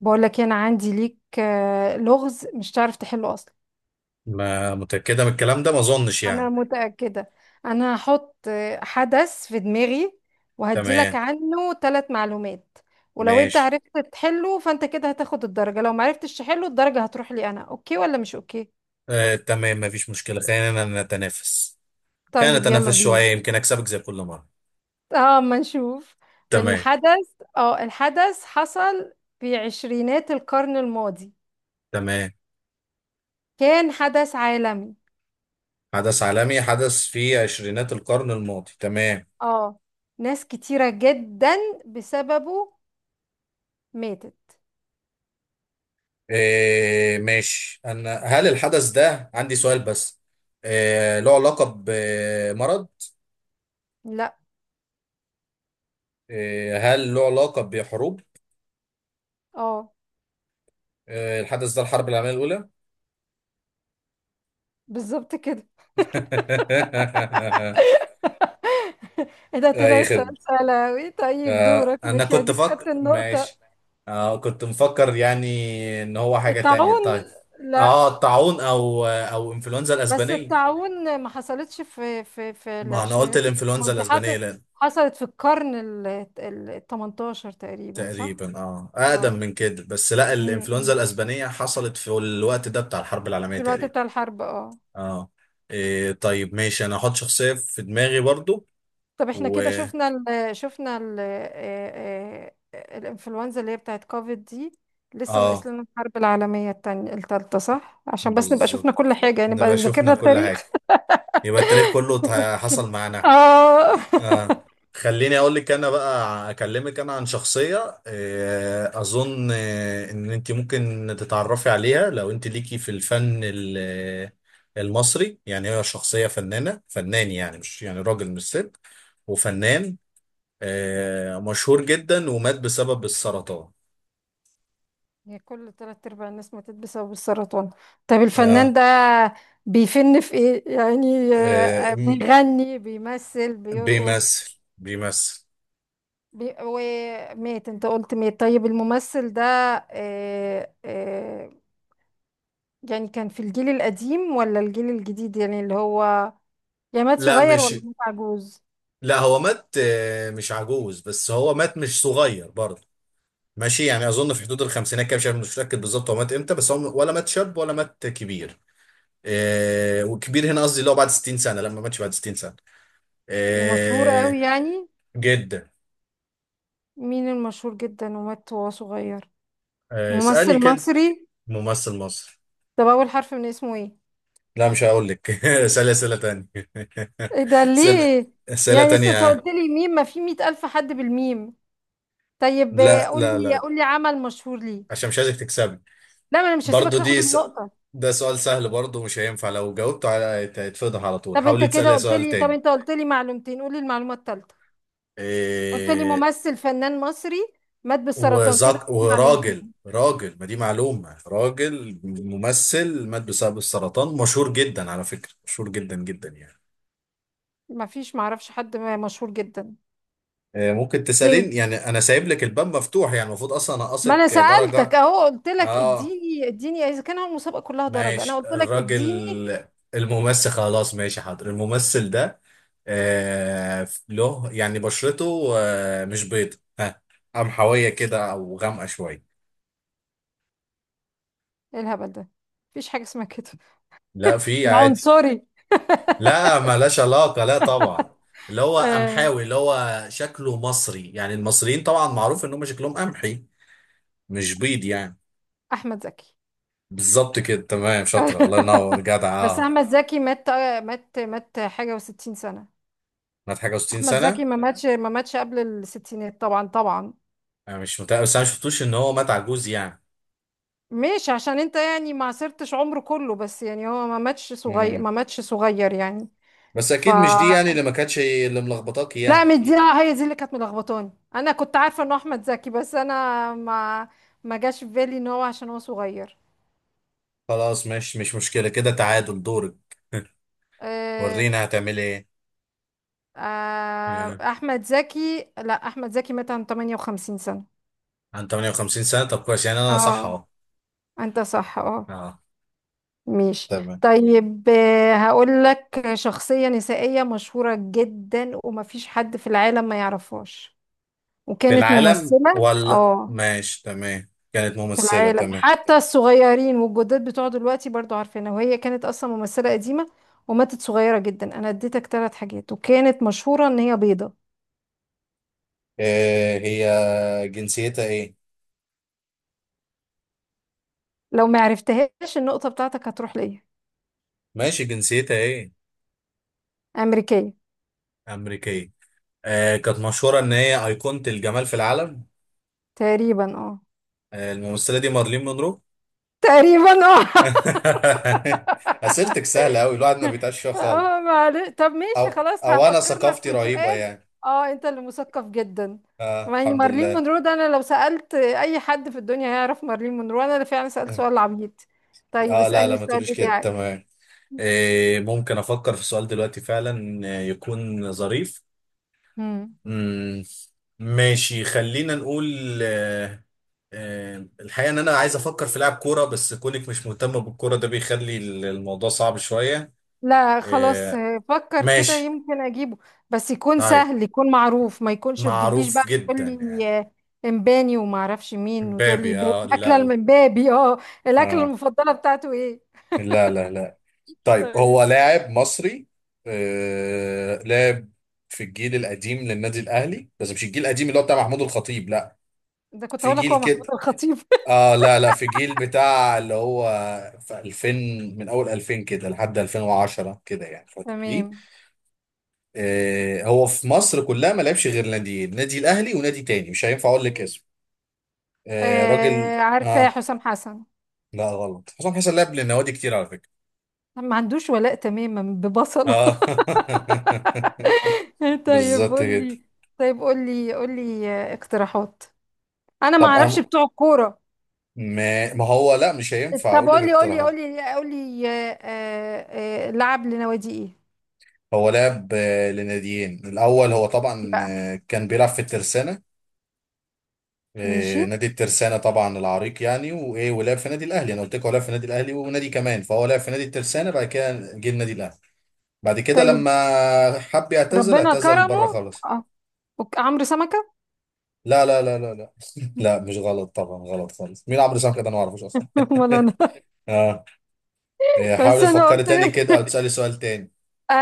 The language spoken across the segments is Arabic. بقول لك إيه، انا عندي ليك لغز مش تعرف تحله اصلا. ما متأكدة من الكلام ده، ما أظنش انا يعني. متأكدة. انا هحط حدث في دماغي، وهدي لك تمام. عنه 3 معلومات. ولو انت ماشي. عرفت تحله فانت كده هتاخد الدرجة، لو ما عرفتش تحله الدرجة هتروح لي انا. اوكي ولا مش اوكي؟ آه تمام، مفيش مشكلة، خلينا نتنافس. خلينا طيب يلا نتنافس بينا. شوية يمكن أكسبك زي كل مرة. اه، ما نشوف. تمام. الحدث اه الحدث حصل في عشرينات القرن الماضي. تمام. كان حدث عالمي. حدث عالمي حدث في عشرينات القرن الماضي، تمام. اه، ناس كتيرة جدا بسببه ماتت. آه ماشي، أنا هل الحدث ده عندي سؤال بس. آه له علاقة بمرض؟ لا. آه هل له علاقة بحروب؟ اه، آه الحدث ده الحرب العالمية الأولى. بالظبط كده. ايه ده، طلع أي. السؤال سهل اوي. طيب آه دورك، انا ماشي كنت اديك فكر خدت النقطة. ماشي. آه كنت مفكر يعني ان هو حاجة تانية. الطاعون. طيب لا. اه الطاعون او انفلونزا بس الاسبانية. الطاعون ما حصلتش في ما انا قلت العشرينات القديمة. الانفلونزا دي الاسبانية لأن حصلت في القرن ال 18 تقريبا، صح؟ تقريبا. اه اقدم اه. من كده، بس لا، أمم. الانفلونزا امم. الاسبانية حصلت في الوقت ده بتاع الحرب العالمية في الوقت تقريبا. بتاع الحرب اه اه. إيه طيب ماشي، انا هحط شخصية في دماغي برضو. طب احنا و كده شفنا ال شفنا ال آه، آه، الانفلونزا اللي هي بتاعت كوفيد دي. لسه اه ناقص لنا الحرب العالمية التانية، التالتة، صح؟ عشان بس نبقى شفنا بالظبط. كل حاجة، يعني نبقى نبقى ذاكرنا شفنا كل حاجة. التاريخ. يبقى التاريخ كله حصل معانا. اه آه. خليني اقول لك، انا بقى اكلمك انا عن شخصيه، اظن ان انت ممكن تتعرفي عليها لو انت ليكي في الفن المصري يعني. هي شخصيه فنان يعني، مش يعني راجل مش ست، وفنان مشهور جدا ومات بسبب السرطان. هي كل تلات ارباع الناس ماتت بسبب السرطان. طب الفنان آه، ده بيفن في ايه؟ يعني، آه، م- بيغني، بيمثل، بيرقص؟ بيمثل بيمثل. ومات، انت قلت مات. طيب الممثل ده، آه، آه، يعني كان في الجيل القديم ولا الجيل الجديد، يعني اللي هو يعني مات لا صغير مش ولا مات عجوز؟ لا، هو مات مش عجوز، بس هو مات مش صغير برضه. ماشي يعني اظن في حدود الخمسينات كده، مش عارف، مش متاكد بالظبط هو مات امتى، بس هو ولا مات شاب ولا مات كبير. إيه، وكبير هنا قصدي اللي هو بعد 60 سنه، لما ماتش بعد 60 سنه. ومشهور قوي إيه. يعني؟ جدا. مين المشهور جدا ومات وهو صغير؟ إيه اسالي ممثل كده. مصري. ممثل مصر. طب أول حرف من اسمه ايه؟ لا مش هقول لك. اسالي اسئله تانية. ايه ده اسئله. ليه؟ اسئله يعني لسه انت تانية. قلت لي ميم، ما في مئة ألف حد بالميم. طيب لا قول لا لي لا. قول لي عمل مشهور ليه. عشان مش عايزك تكسبي. لا، ما انا مش هسيبك برضو تاخد دي س... النقطة. ده سؤال سهل برضو، مش هينفع. لو جاوبته على هيتفضح على طول. حاولي تسالي سؤال طب تاني. انت قلت لي معلومتين، قول لي المعلومة الثالثة. قلت لي إيه... ممثل فنان مصري مات بالسرطان كده، وزك... وراجل معلومتين. راجل. ما دي معلومة، راجل ممثل مات بسبب السرطان، مشهور جدا، على فكرة مشهور جدا جدا يعني. ما فيش، معرفش حد مشهور جدا آه، ممكن دي. تسألين يعني، أنا سايب لك الباب مفتوح يعني، المفروض أصلا ما انا أنقصك سألتك درجة. اهو، قلت لك آه اديني اذا كان هو المسابقة كلها درجة، انا ماشي قلت لك اديني. الراجل. الممثل، خلاص ماشي حاضر، الممثل ده آه له يعني بشرته آه مش بيض، ها، قمحوية كده أو غامقة شوية. إيه الهبل ده؟ مفيش حاجة اسمها كده، لا في يا عادي. عنصري لا، ملهاش علاقة، لا طبعا. اللي هو آه، قمحاوي، اللي هو شكله مصري يعني، المصريين طبعا معروف ان هم شكلهم قمحي، مش بيض يعني. احمد زكي بالظبط كده، تمام، شاطرة، الله ينور، جدع. بس اه، احمد زكي مات حاجة وستين سنة. مات حاجة و60 احمد سنة. زكي ما ماتش قبل الستينات، طبعا طبعا. انا مش متأكد، بس انا شفتوش ان هو مات عجوز يعني. مش عشان انت يعني ما عاصرتش عمره كله، بس يعني هو ما ماتش صغير، امم ما ماتش صغير يعني. بس ف اكيد مش دي يعني اللي ما كانتش، اللي ملخبطاك لا يعني. مش دي، هي دي اللي كانت ملخبطاني، انا كنت عارفه انه احمد زكي، بس انا ما جاش في بالي ان هو عشان هو صغير. خلاص ماشي، مش مشكلة، كده تعادل، دورك. آه، ورينا هتعمل ايه. آه. احمد زكي، لا، احمد زكي مات عن 58 سنه. عن 58 سنة، طب كويس يعني، انا صح اه، اهو. انت صح، اه. اه. ماشي. تمام. طيب، هقول لك شخصيه نسائيه مشهوره جدا ومفيش حد في العالم ما يعرفهاش، في وكانت العالم ممثله ولا؟ اه ماشي تمام، كانت في ممثلة، العالم تمام. حتى الصغيرين والجداد بتوع دلوقتي برضو عارفينها، وهي كانت اصلا ممثلة قديمة وماتت صغيرة جدا. انا اديتك 3 حاجات، وكانت مشهورة ان هي بيضة. آه هي جنسيتها ايه؟ لو ما عرفتهاش النقطة بتاعتك هتروح ليا. ماشي، جنسيتها ايه؟ امريكية. أمريكية. آه كانت مشهورة ان هي أيقونة الجمال في العالم. تقريبا اه آه الممثلة دي مارلين مونرو. تقريبا اه أسئلتك سهلة أوي، الواحد ما بيتعش فيها خالص. اه، معلش. طب ماشي، أو خلاص أو أنا هفكر لك ثقافتي في رهيبة سؤال. يعني. اه، انت اللي مثقف جدا. آه يعني الحمد مارلين لله. مونرو ده، انا لو سألت اي حد في الدنيا هيعرف مارلين مونرو. انا اللي فعلا سألت سؤال عبيط. طيب آه لا اسألني لا، ما السؤال تقوليش كده، بتاعك. تمام. آه ممكن أفكر في سؤال دلوقتي فعلا يكون ظريف. مم. مم. ماشي خلينا نقول الحقيقة ان انا عايز افكر في لاعب كورة، بس كونك مش مهتمة بالكورة ده بيخلي الموضوع صعب شوية. لا خلاص، آه. فكر كده ماشي. يمكن اجيبه. بس يكون طيب سهل، يكون معروف، ما يكونش تجيبليش معروف بقى تقول جدا يعني. لي امباني وما اعرفش مين، وتقول لي مبابي؟ اه الاكله لا. المبابي اه الاكله آه. المفضله بتاعته ايه؟ لا لا لا. طيب هو طيب. لاعب مصري لاعب في الجيل القديم للنادي الاهلي، بس مش الجيل القديم اللي هو بتاع محمود الخطيب لا، ده كنت في هقول لك هو جيل محمود كده الخطيب اه. لا لا، في جيل بتاع اللي هو في 2000، من اول 2000 كده لحد 2010 كده يعني، الفتره دي. تمام. آه هو في مصر كلها ما لعبش غير ناديين، نادي الاهلي ونادي تاني، مش هينفع اقول لك اسم. آه راجل. آه، عارفاه، اه. حسام حسن. لا غلط، حسام حسن لعب للنوادي كتير على فكره. ما عندوش ولاء تماما، ببصله اه. طيب بالظبط قول كده. لي، اقتراحات، انا ما طب اعرفش انا بتوع الكوره. ما, ما هو لا مش هينفع طب اقول لك قولي قولي اقتراحات. قولي قولي لعب لنوادي ايه؟ هو لعب لناديين. الاول هو طبعا بقى كان بيلعب في الترسانه ماشي، نادي الترسانة، طبعا العريق يعني، وايه، ولعب في نادي الاهلي. انا قلت لك هو لعب في نادي الاهلي ونادي كمان، فهو لعب في نادي الترسانة، بعد كده جه النادي الاهلي، بعد كده طيب لما حب يعتزل، ربنا اعتزل كرمه. بره خالص. اه. عمرو سمكة لا لا لا لا لا. لا مش غلط، طبعا غلط خالص. مين عمرو سامك ده؟ انا ما اعرفوش اصلا. ولا انا اه. آه، بس حاول انا تفكري قلت تاني كده او تسالي سؤال تاني. آه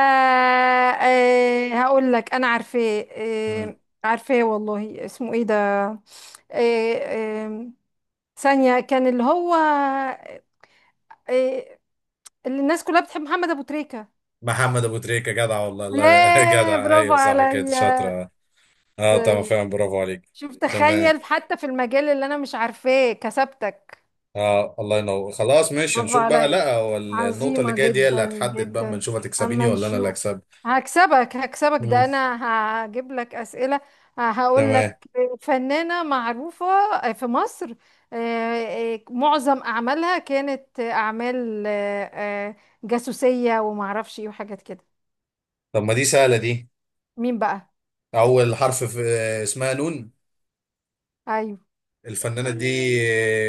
آه هقول لك انا عارفاه، مم. عارفاه والله. اسمه ايه ده؟ آه آه ثانية، كان اللي هو آه اللي الناس كلها بتحب، محمد ابو تريكة. محمد ابو تريكه، جدع والله، الله. ياه جدع، برافو ايوه صح كده، عليا. شاطره. اه طبعا، طيب. فعلا برافو عليك. شوف، تمام. تخيل حتى في المجال اللي انا مش عارفاه كسبتك. اه الله ينور، خلاص ماشي، برافو نشوف بقى. عليا، لا هو النقطة اللي عظيمة جاية دي هي اللي جدا هتحدد بقى، اما جدا. نشوف هتكسبيني اما ولا انا اللي نشوف. هكسب. هكسبك، مم. ده انا هجيب لك اسئلة. هقول تمام. لك فنانة معروفة في مصر، معظم اعمالها كانت اعمال آه، جاسوسية، ومعرفش ايه وحاجات كده. طب ما دي سهلة دي. مين بقى؟ أول حرف في اسمها نون. ايوه. الفنانة دي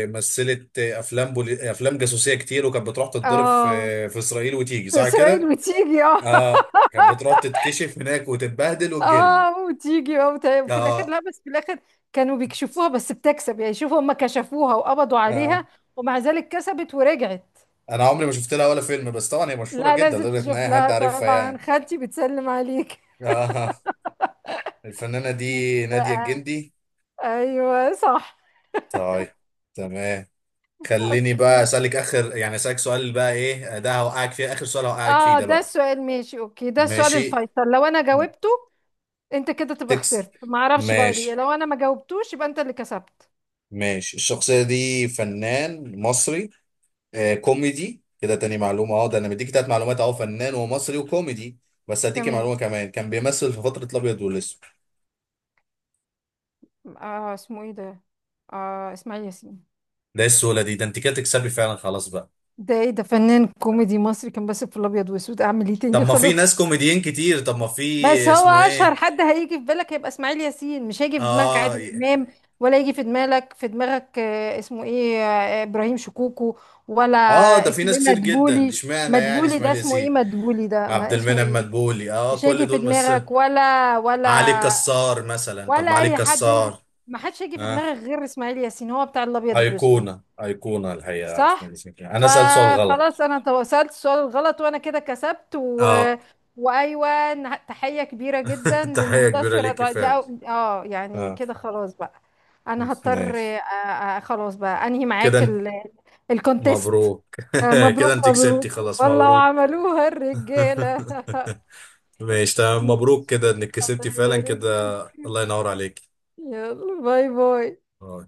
مثلت أفلام جاسوسية كتير، وكانت بتروح تتضرب اه، في في إسرائيل وتيجي، صح اسرائيل كده؟ بتيجي آه كانت بتروح تتكشف هناك وتتبهدل وتجيلنا. اه وتيجي، وفي الاخر، آه. لا، بس في الاخر كانوا بيكشفوها، بس بتكسب يعني. شوفوا، هم كشفوها وقبضوا عليها، آه. ومع ذلك كسبت ورجعت. أنا عمري ما شفت لها ولا فيلم، بس طبعا هي مشهورة لا جدا لازم لدرجة إن تشوف أي حد لها عارفها طبعا، يعني. خالتي بتسلم عليك. آه الفنانة دي نادية بقى الجندي. ايوه صح. طيب تمام. خليني بقى اوكي. اسالك اخر يعني، اسالك سؤال بقى ايه ده هوقعك فيه، اخر سؤال هوقعك فيه اه، ده ده بقى. السؤال، ماشي. اوكي، ده السؤال ماشي. الفيصل. لو انا جاوبته انت كده تبقى تكس خسرت، ما اعرفش بقى ليه، ماشي لو انا ما جاوبتوش يبقى انت اللي كسبت. ماشي. الشخصيه دي فنان مصري آه كوميدي كده، تاني معلومه اهو، ده انا مديك تلات معلومات اهو، فنان ومصري وكوميدي، بس هديكي تمام. معلومه كمان، كان بيمثل في فتره الابيض والاسود. اه، اسمه ايه ده؟ اه، اسماعيل ياسين. ده إيه السهوله دي؟ ده انت كده تكسبي فعلا، خلاص بقى. ده ايه ده، فنان كوميدي مصري كان بس في الابيض واسود، اعمل ايه طب تاني ما في خلاص. ناس كوميديين كتير، طب ما في. بس هو اسمه اشهر ايه؟ حد هيجي في بالك هيبقى اسماعيل ياسين، مش هيجي في دماغك اه. عادل امام، ولا يجي في دماغك اسمه ايه، ابراهيم شكوكو، ولا اه ده في اسمه ناس ايه كتير جدا، مدبولي. اشمعنى يعني مدبولي ده اسماعيل اسمه ايه، ياسين؟ مدبولي ده عبد ما اسمه المنعم ايه؟ مدبولي، اه، مش كل هيجي في دول، دماغك ولا علي ولا كسار مثلا، طب ولا ما علي اي حد انت. كسار. ما حدش هيجي في اه. دماغك غير اسماعيل ياسين، هو بتاع الابيض واسود. ايقونه، ايقونه الحقيقه، صح. اسماعيل ياسين، انا سالت سؤال غلط. فخلاص، انا سألت السؤال الغلط، وانا كده كسبت. اه. وايوه، تحية كبيرة جدا تحيه كبيره للمنتصرة ليكي دعاء دي فعلا. أو... اه، يعني اه كده خلاص بقى. انا ماشي. هضطر، خلاص بقى انهي كده معاك انت- الكونتيست. مبروك. كده انت مبروك، كسبتي، مبروك خلاص والله، مبروك. وعملوها الرجالة ماشي تمام، يا مبروك كده انك كسبتي الله فعلا يبارك كده. فيك. الله ينور عليك. يلا باي باي آه.